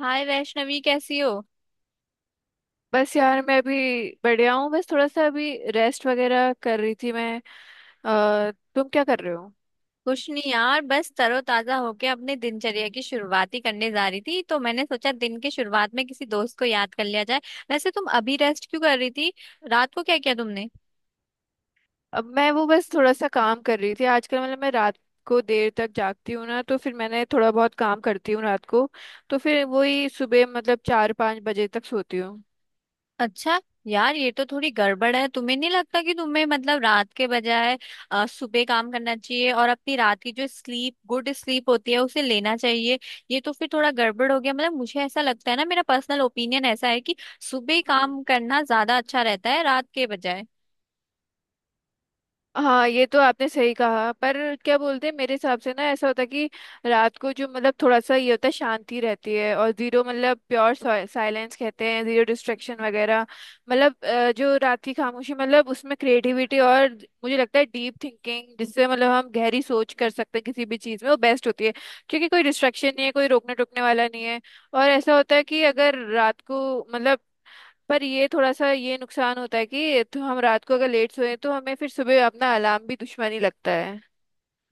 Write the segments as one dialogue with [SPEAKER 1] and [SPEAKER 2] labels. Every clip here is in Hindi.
[SPEAKER 1] हाय वैष्णवी, कैसी हो।
[SPEAKER 2] बस यार मैं अभी बढ़िया हूँ। बस थोड़ा सा अभी रेस्ट वगैरह कर रही थी मैं। तुम क्या कर रहे हो?
[SPEAKER 1] कुछ नहीं यार, बस तरोताजा होके अपने दिनचर्या की शुरुआत ही करने जा रही थी, तो मैंने सोचा दिन के शुरुआत में किसी दोस्त को याद कर लिया जाए। वैसे तुम अभी रेस्ट क्यों कर रही थी? रात को क्या किया तुमने?
[SPEAKER 2] अब मैं वो बस थोड़ा सा काम कर रही थी आजकल। मतलब मैं रात को देर तक जागती हूँ ना, तो फिर मैंने थोड़ा बहुत काम करती हूँ रात को। तो फिर वही सुबह मतलब चार पाँच बजे तक सोती हूँ।
[SPEAKER 1] अच्छा यार, ये तो थोड़ी गड़बड़ है। तुम्हें नहीं लगता कि तुम्हें मतलब रात के बजाय सुबह काम करना चाहिए, और अपनी रात की जो स्लीप, गुड स्लीप होती है उसे लेना चाहिए। ये तो फिर थोड़ा गड़बड़ हो गया। मतलब मुझे ऐसा लगता है ना, मेरा पर्सनल ओपिनियन ऐसा है कि सुबह काम करना ज्यादा अच्छा रहता है रात के बजाय।
[SPEAKER 2] हाँ, ये तो आपने सही कहा। पर क्या बोलते हैं, मेरे हिसाब से ना ऐसा होता है कि रात को जो मतलब थोड़ा सा ये होता है, शांति रहती है। और जीरो मतलब प्योर साइलेंस कहते हैं, जीरो डिस्ट्रैक्शन वगैरह। मतलब जो रात की खामोशी, मतलब उसमें क्रिएटिविटी और मुझे लगता है डीप थिंकिंग, जिससे मतलब हम गहरी सोच कर सकते हैं किसी भी चीज़ में, वो बेस्ट होती है। क्योंकि कोई डिस्ट्रैक्शन नहीं है, कोई रोकने टोकने वाला नहीं है। और ऐसा होता है कि अगर रात को मतलब, पर ये थोड़ा सा ये नुकसान होता है कि तो हम रात को अगर लेट सोए तो हमें फिर सुबह अपना अलार्म भी दुश्मनी लगता है।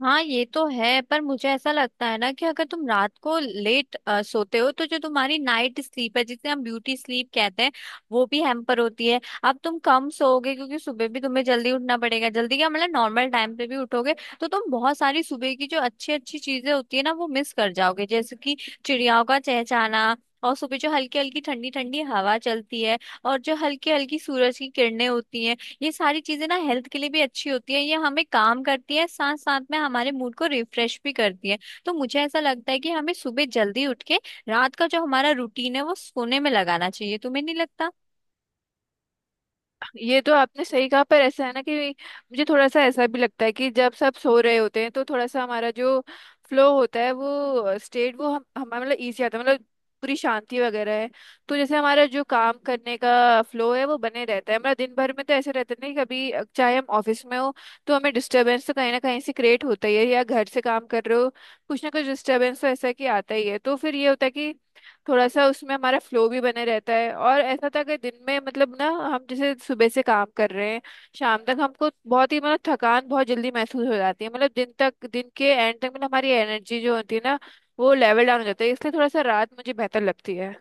[SPEAKER 1] हाँ ये तो है, पर मुझे ऐसा लगता है ना कि अगर तुम रात को लेट सोते हो, तो जो तुम्हारी नाइट स्लीप है, जिसे हम ब्यूटी स्लीप कहते हैं, वो भी हैम्पर होती है। अब तुम कम सोओगे क्योंकि सुबह भी तुम्हें जल्दी उठना पड़ेगा। जल्दी क्या मतलब, नॉर्मल टाइम पे भी उठोगे, तो तुम बहुत सारी सुबह की जो अच्छी अच्छी चीजें होती है ना, वो मिस कर जाओगे। जैसे कि चिड़ियाओं का चहचहाना, और सुबह जो हल्की हल्की ठंडी ठंडी हवा चलती है, और जो हल्की हल्की सूरज की किरणें होती हैं, ये सारी चीजें ना हेल्थ के लिए भी अच्छी होती है। ये हमें काम करती है, साथ साथ में हमारे मूड को रिफ्रेश भी करती है। तो मुझे ऐसा लगता है कि हमें सुबह जल्दी उठ के रात का जो हमारा रूटीन है वो सोने में लगाना चाहिए। तुम्हें नहीं लगता?
[SPEAKER 2] ये तो आपने सही कहा। पर ऐसा है ना कि मुझे थोड़ा सा ऐसा भी लगता है कि जब सब सो रहे होते हैं तो थोड़ा सा हमारा जो फ्लो होता है, वो स्टेट, वो हम हमारा मतलब ईजी आता है। मतलब पूरी शांति वगैरह है। तो जैसे हमारा जो काम करने का फ्लो है वो बने रहता है, हमारा दिन भर में तो ऐसे रहता नहीं। कभी चाहे हम ऑफिस में हो तो हमें डिस्टरबेंस तो कहीं ना कहीं से क्रिएट होता ही है, या घर से काम कर रहे हो कुछ ना कुछ डिस्टरबेंस तो ऐसा कि आता ही है। तो फिर ये होता है कि थोड़ा सा उसमें हमारा फ्लो भी बने रहता है। और ऐसा था कि दिन में मतलब ना हम जैसे सुबह से काम कर रहे हैं शाम तक, हमको बहुत ही मतलब थकान बहुत जल्दी महसूस हो जाती है। मतलब दिन के एंड तक मतलब हमारी एनर्जी जो होती है ना, वो लेवल डाउन हो जाता है। इसलिए थोड़ा सा रात मुझे बेहतर लगती है।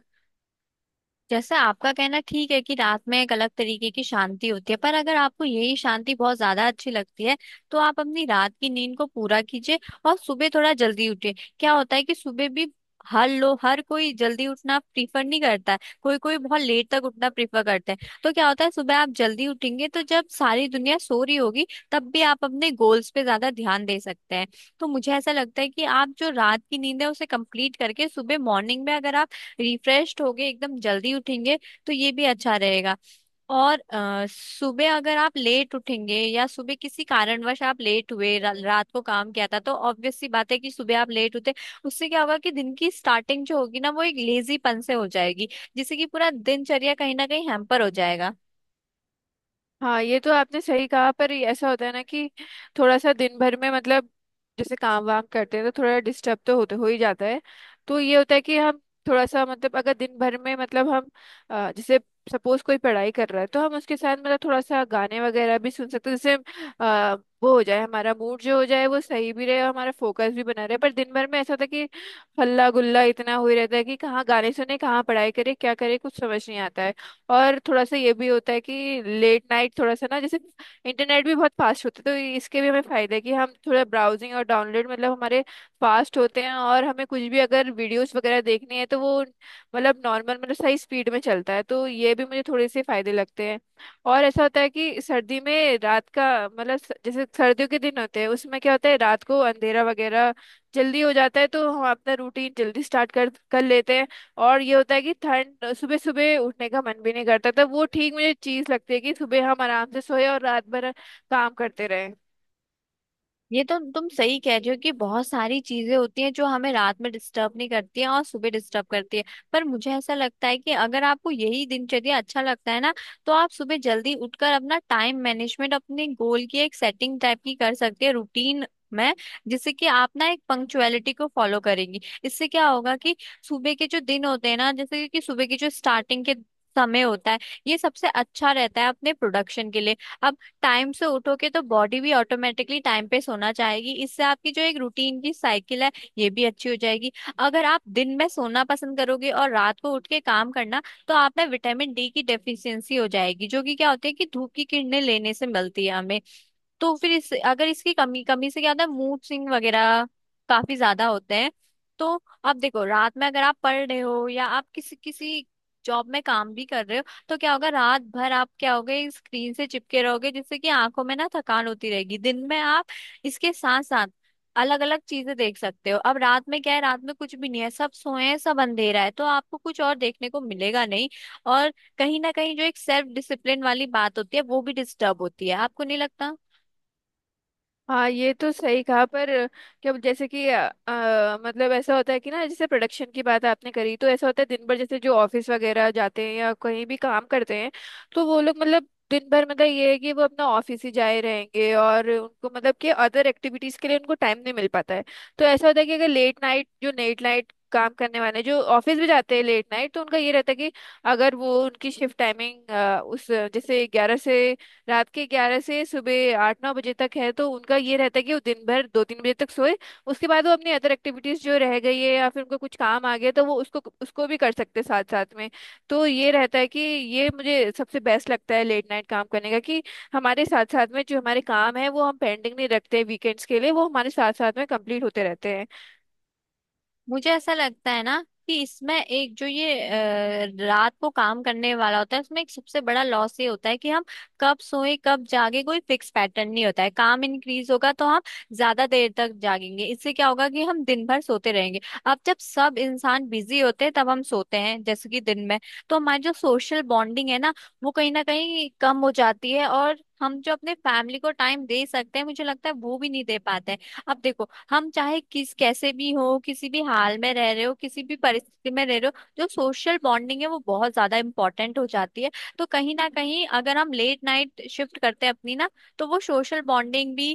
[SPEAKER 1] जैसे आपका कहना ठीक है कि रात में एक अलग तरीके की शांति होती है, पर अगर आपको यही शांति बहुत ज्यादा अच्छी लगती है, तो आप अपनी रात की नींद को पूरा कीजिए और सुबह थोड़ा जल्दी उठिए। क्या होता है कि सुबह भी, हर लो, हर कोई जल्दी उठना प्रीफर नहीं करता है। कोई कोई बहुत लेट तक उठना प्रीफर करते हैं। तो क्या होता है, सुबह आप जल्दी उठेंगे तो जब सारी दुनिया सो रही होगी, तब भी आप अपने गोल्स पे ज्यादा ध्यान दे सकते हैं। तो मुझे ऐसा लगता है कि आप जो रात की नींद है उसे कंप्लीट करके सुबह मॉर्निंग में अगर आप रिफ्रेश्ड होगे, एकदम जल्दी उठेंगे, तो ये भी अच्छा रहेगा। और सुबह अगर आप लेट उठेंगे, या सुबह किसी कारणवश आप लेट हुए, रात को काम किया था, तो ऑब्वियस सी बात है कि सुबह आप लेट उठे। उससे क्या होगा कि दिन की स्टार्टिंग जो होगी ना, वो एक लेजीपन से हो जाएगी, जिससे कि पूरा दिनचर्या कहीं ना कहीं हैम्पर हो जाएगा।
[SPEAKER 2] हाँ, ये तो आपने सही कहा। पर ये ऐसा होता है ना कि थोड़ा सा दिन भर में मतलब जैसे काम वाम करते हैं तो थोड़ा डिस्टर्ब तो होते हो ही जाता है। तो ये होता है कि हम थोड़ा सा मतलब अगर दिन भर में मतलब हम जैसे सपोज कोई पढ़ाई कर रहा है तो हम उसके साथ मतलब थोड़ा सा गाने वगैरह भी सुन सकते हैं, जिससे अ, वो हो जाए हमारा मूड जो हो जाए वो सही भी रहे और हमारा फोकस भी बना रहे। पर दिन भर में ऐसा होता है कि हल्ला गुल्ला इतना हुई रहता है कि कहाँ गाने सुने, कहाँ पढ़ाई करे, क्या करे, कुछ समझ नहीं आता है। और थोड़ा सा ये भी होता है कि लेट नाइट थोड़ा सा ना जैसे इंटरनेट भी बहुत फास्ट होता है, तो इसके भी हमें फायदा है कि हम थोड़ा ब्राउजिंग और डाउनलोड मतलब हमारे फास्ट होते हैं, और हमें कुछ भी अगर वीडियोस वगैरह देखनी है तो वो मतलब नॉर्मल मतलब सही स्पीड में चलता है। तो ये भी मुझे थोड़े से फायदे लगते हैं। और ऐसा होता है कि सर्दी में रात का मतलब जैसे सर्दियों के दिन होते हैं उसमें क्या होता है रात को अंधेरा वगैरह जल्दी हो जाता है। तो हम अपना रूटीन जल्दी स्टार्ट कर कर लेते हैं। और ये होता है कि ठंड सुबह सुबह उठने का मन भी नहीं करता। तो वो ठीक मुझे चीज लगती है कि सुबह हम आराम से सोए और रात भर काम करते रहे।
[SPEAKER 1] ये तो तुम सही कह रही हो कि बहुत सारी चीजें होती हैं जो हमें रात में डिस्टर्ब नहीं करती हैं, और सुबह डिस्टर्ब करती है। पर मुझे ऐसा लगता है कि अगर आपको यही दिनचर्या अच्छा लगता है ना, तो आप सुबह जल्दी उठकर अपना टाइम मैनेजमेंट, अपने गोल की एक सेटिंग टाइप की कर सकते हैं रूटीन में, जिससे कि आप ना एक पंक्चुअलिटी को फॉलो करेंगी। इससे क्या होगा कि सुबह के जो दिन होते हैं ना, जैसे कि सुबह की जो स्टार्टिंग के समय होता है, ये सबसे अच्छा रहता है अपने प्रोडक्शन के लिए। अब टाइम से उठोगे तो बॉडी भी ऑटोमेटिकली टाइम पे सोना चाहेगी। इससे आपकी जो एक रूटीन की साइकिल है, ये भी अच्छी हो जाएगी। अगर आप दिन में सोना पसंद करोगे और रात को उठ के काम करना, तो आप में विटामिन डी की डेफिशिएंसी हो जाएगी, जो कि क्या होती है कि धूप की किरणें लेने से मिलती है हमें। तो फिर इस, अगर इसकी कमी कमी से क्या होता है, मूड स्विंग वगैरह काफी ज्यादा होते हैं। तो अब देखो, रात में अगर आप पढ़ रहे हो या आप किसी किसी जॉब में काम भी कर रहे हो, तो क्या होगा, रात भर आप क्या होगे, स्क्रीन से चिपके रहोगे, जिससे कि आंखों में ना थकान होती रहेगी। दिन में आप इसके साथ साथ अलग अलग चीजें देख सकते हो। अब रात में क्या है, रात में कुछ भी नहीं है, सब सोए हैं, सब अंधेरा है, तो आपको कुछ और देखने को मिलेगा नहीं। और कहीं ना कहीं जो एक सेल्फ डिसिप्लिन वाली बात होती है, वो भी डिस्टर्ब होती है। आपको नहीं लगता?
[SPEAKER 2] हाँ, ये तो सही कहा। पर क्या जैसे कि मतलब ऐसा होता है कि ना जैसे प्रोडक्शन की बात आपने करी, तो ऐसा होता है दिन भर, जैसे जो ऑफिस वगैरह जाते हैं या कहीं भी काम करते हैं, तो वो लोग मतलब दिन भर मतलब ये है कि वो अपना ऑफिस ही जाए रहेंगे और उनको मतलब कि अदर एक्टिविटीज के लिए उनको टाइम नहीं मिल पाता है। तो ऐसा होता है कि अगर लेट नाइट जो लेट नाइट काम करने वाले जो ऑफिस भी जाते हैं लेट नाइट, तो उनका ये रहता है कि अगर वो उनकी शिफ्ट टाइमिंग, उस जैसे ग्यारह से रात के 11 से सुबह आठ नौ बजे तक है, तो उनका ये रहता है कि वो दिन भर दो तीन बजे तक सोए। उसके बाद वो अपनी अदर एक्टिविटीज जो रह गई है या फिर उनको कुछ काम आ गया तो वो उसको उसको भी कर सकते हैं साथ साथ में। तो ये रहता है कि ये मुझे सबसे बेस्ट लगता है लेट नाइट काम करने का, कि हमारे साथ साथ में जो हमारे काम है वो हम पेंडिंग नहीं रखते वीकेंड्स के लिए, वो हमारे साथ साथ में कंप्लीट होते रहते हैं।
[SPEAKER 1] मुझे ऐसा लगता है ना कि इसमें एक जो ये रात को काम करने वाला होता है, उसमें एक सबसे बड़ा लॉस ये होता है कि हम कब सोए कब जागे, कोई फिक्स पैटर्न नहीं होता है। काम इंक्रीज होगा तो हम ज्यादा देर तक जागेंगे। इससे क्या होगा कि हम दिन भर सोते रहेंगे। अब जब सब इंसान बिजी होते हैं तब हम सोते हैं, जैसे कि दिन में। तो हमारी जो सोशल बॉन्डिंग है ना, वो कहीं ना कहीं कम हो जाती है, और हम जो अपने फैमिली को टाइम दे सकते हैं, मुझे लगता है वो भी नहीं दे पाते हैं। अब देखो, हम चाहे किस कैसे भी हो, किसी भी हाल में रह रहे हो, किसी भी परिस्थिति में रह रहे हो, जो सोशल बॉन्डिंग है वो बहुत ज्यादा इंपॉर्टेंट हो जाती है। तो कहीं ना कहीं अगर हम लेट नाइट शिफ्ट करते हैं अपनी ना, तो वो सोशल बॉन्डिंग भी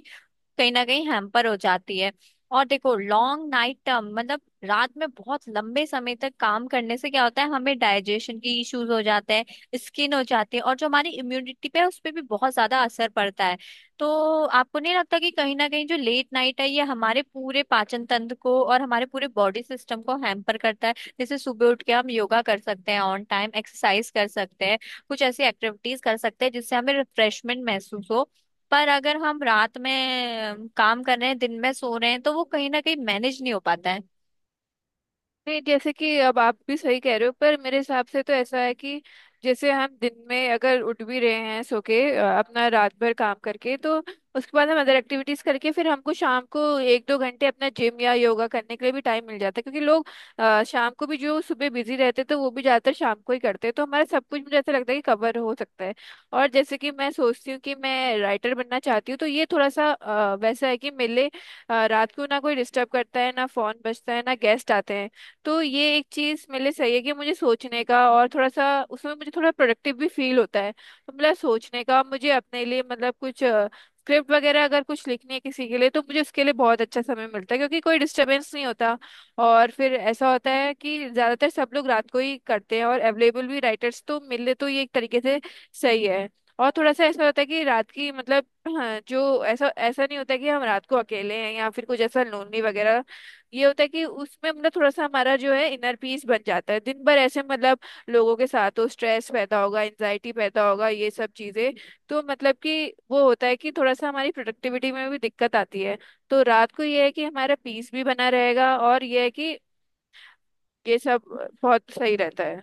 [SPEAKER 1] कहीं ना कहीं हैम्पर हो जाती है। और देखो, लॉन्ग नाइट टर्म मतलब रात में बहुत लंबे समय तक काम करने से क्या होता है, हमें डाइजेशन की इश्यूज हो जाते हैं, स्किन हो जाती है, और जो हमारी इम्यूनिटी पे है उस पे भी बहुत ज्यादा असर पड़ता है। तो आपको नहीं लगता कि कहीं ना कहीं जो लेट नाइट है, ये हमारे पूरे पाचन तंत्र को और हमारे पूरे बॉडी सिस्टम को हैम्पर करता है। जैसे सुबह उठ के हम योगा कर सकते हैं, ऑन टाइम एक्सरसाइज कर सकते हैं, कुछ ऐसी एक्टिविटीज कर सकते हैं जिससे हमें रिफ्रेशमेंट महसूस हो। पर अगर हम रात में काम कर रहे हैं, दिन में सो रहे हैं, तो वो कहीं ना कहीं मैनेज नहीं हो पाता है।
[SPEAKER 2] नहीं, जैसे कि अब आप भी सही कह रहे हो। पर मेरे हिसाब से तो ऐसा है कि जैसे हम दिन में अगर उठ भी रहे हैं सो के अपना रात भर काम करके, तो उसके बाद हम अदर एक्टिविटीज करके फिर हमको शाम को एक दो घंटे अपना जिम या योगा करने के लिए भी टाइम मिल जाता है, क्योंकि लोग शाम को भी जो सुबह बिजी रहते थे वो भी ज्यादातर शाम को ही करते हैं। तो हमारा सब कुछ मुझे ऐसा लगता है कि कवर हो सकता है। और जैसे कि मैं सोचती हूँ कि मैं राइटर बनना चाहती हूँ, तो ये थोड़ा सा वैसा है कि मेरे लिए रात को ना कोई डिस्टर्ब करता है, ना फोन बजता है, ना गेस्ट आते हैं। तो ये एक चीज मेरे लिए सही है कि मुझे सोचने का, और थोड़ा सा उसमें मुझे थोड़ा प्रोडक्टिव भी फील होता है। तो मतलब सोचने का मुझे अपने लिए मतलब कुछ स्क्रिप्ट वगैरह अगर कुछ लिखनी है किसी के लिए, तो मुझे उसके लिए बहुत अच्छा समय मिलता है, क्योंकि कोई डिस्टरबेंस नहीं होता। और फिर ऐसा होता है कि ज्यादातर सब लोग रात को ही करते हैं और अवेलेबल भी राइटर्स तो मिले, तो ये एक तरीके से सही है। और थोड़ा सा ऐसा होता है कि रात की मतलब, हाँ, जो ऐसा ऐसा नहीं होता कि हम रात को अकेले हैं या फिर कुछ ऐसा लोनली वगैरह। ये होता है कि उसमें मतलब थोड़ा सा हमारा जो है इनर पीस बन जाता है। दिन भर ऐसे मतलब लोगों के साथ तो स्ट्रेस पैदा होगा, एंजाइटी पैदा होगा, ये सब चीजें। तो मतलब कि वो होता है कि थोड़ा सा हमारी प्रोडक्टिविटी में भी दिक्कत आती है। तो रात को ये है कि हमारा पीस भी बना रहेगा, और ये है कि ये सब बहुत सही रहता है।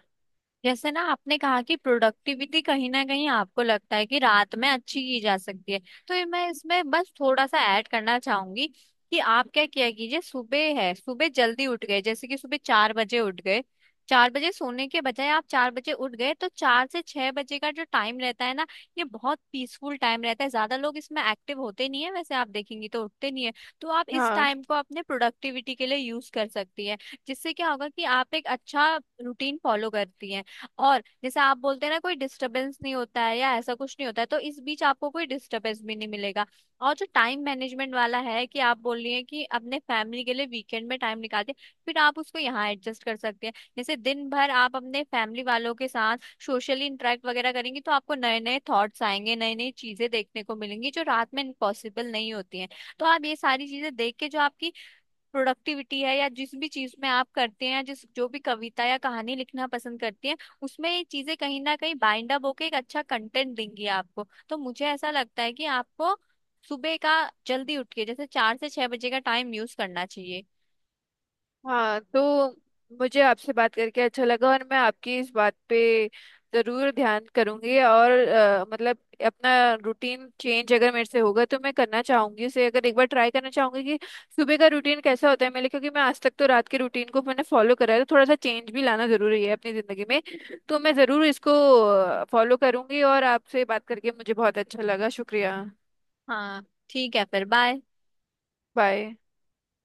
[SPEAKER 1] जैसे ना आपने कहा कि प्रोडक्टिविटी कहीं ना कहीं आपको लगता है कि रात में अच्छी की जा सकती है, तो ये मैं इसमें बस थोड़ा सा ऐड करना चाहूंगी कि आप क्या किया कीजिए, सुबह है, सुबह जल्दी उठ गए, जैसे कि सुबह 4 बजे उठ गए। चार बजे सोने के बजाय आप 4 बजे उठ गए, तो 4 से 6 बजे का जो टाइम रहता है ना, ये बहुत पीसफुल टाइम रहता है। ज्यादा लोग इसमें एक्टिव होते नहीं है, वैसे आप देखेंगी तो उठते नहीं है। तो आप इस
[SPEAKER 2] हाँ।
[SPEAKER 1] टाइम को अपने प्रोडक्टिविटी के लिए यूज कर सकती है। जिससे क्या होगा कि आप एक अच्छा रूटीन फॉलो करती हैं। और जैसे आप बोलते हैं ना, कोई डिस्टरबेंस नहीं होता है या ऐसा कुछ नहीं होता है, तो इस बीच आपको कोई डिस्टरबेंस भी नहीं मिलेगा। और जो टाइम मैनेजमेंट वाला है, कि आप बोल रही हैं कि अपने फैमिली के लिए वीकेंड में टाइम निकालते हैं, फिर आप उसको यहाँ एडजस्ट कर सकते हैं। जैसे दिन भर आप अपने फैमिली वालों के साथ सोशली इंटरेक्ट वगैरह करेंगी, तो आपको नए नए थॉट्स आएंगे, नई नई चीजें देखने को मिलेंगी, जो रात में पॉसिबल नहीं होती हैं। तो आप ये सारी चीजें देख के, जो आपकी प्रोडक्टिविटी है, या जिस भी चीज में आप करते हैं, या जिस जो भी कविता या कहानी लिखना पसंद करते हैं, उसमें ये चीजें कहीं ना कहीं बाइंड अप होके एक अच्छा कंटेंट देंगी आपको। तो मुझे ऐसा लगता है कि आपको सुबह का, जल्दी उठ के, जैसे 4 से 6 बजे का टाइम यूज करना चाहिए।
[SPEAKER 2] हाँ, तो मुझे आपसे बात करके अच्छा लगा। और मैं आपकी इस बात पे जरूर ध्यान करूंगी, और मतलब अपना रूटीन चेंज अगर मेरे से होगा तो मैं करना चाहूंगी, उसे अगर एक बार ट्राई करना चाहूंगी कि सुबह का रूटीन कैसा होता है मेरे, क्योंकि मैं आज तक तो रात के रूटीन को मैंने फॉलो करा है। तो थोड़ा सा चेंज भी लाना जरूरी है अपनी जिंदगी में। तो मैं जरूर इसको फॉलो करूंगी, और आपसे बात करके मुझे बहुत अच्छा लगा। शुक्रिया।
[SPEAKER 1] हाँ, ठीक है फिर, बाय।
[SPEAKER 2] बाय।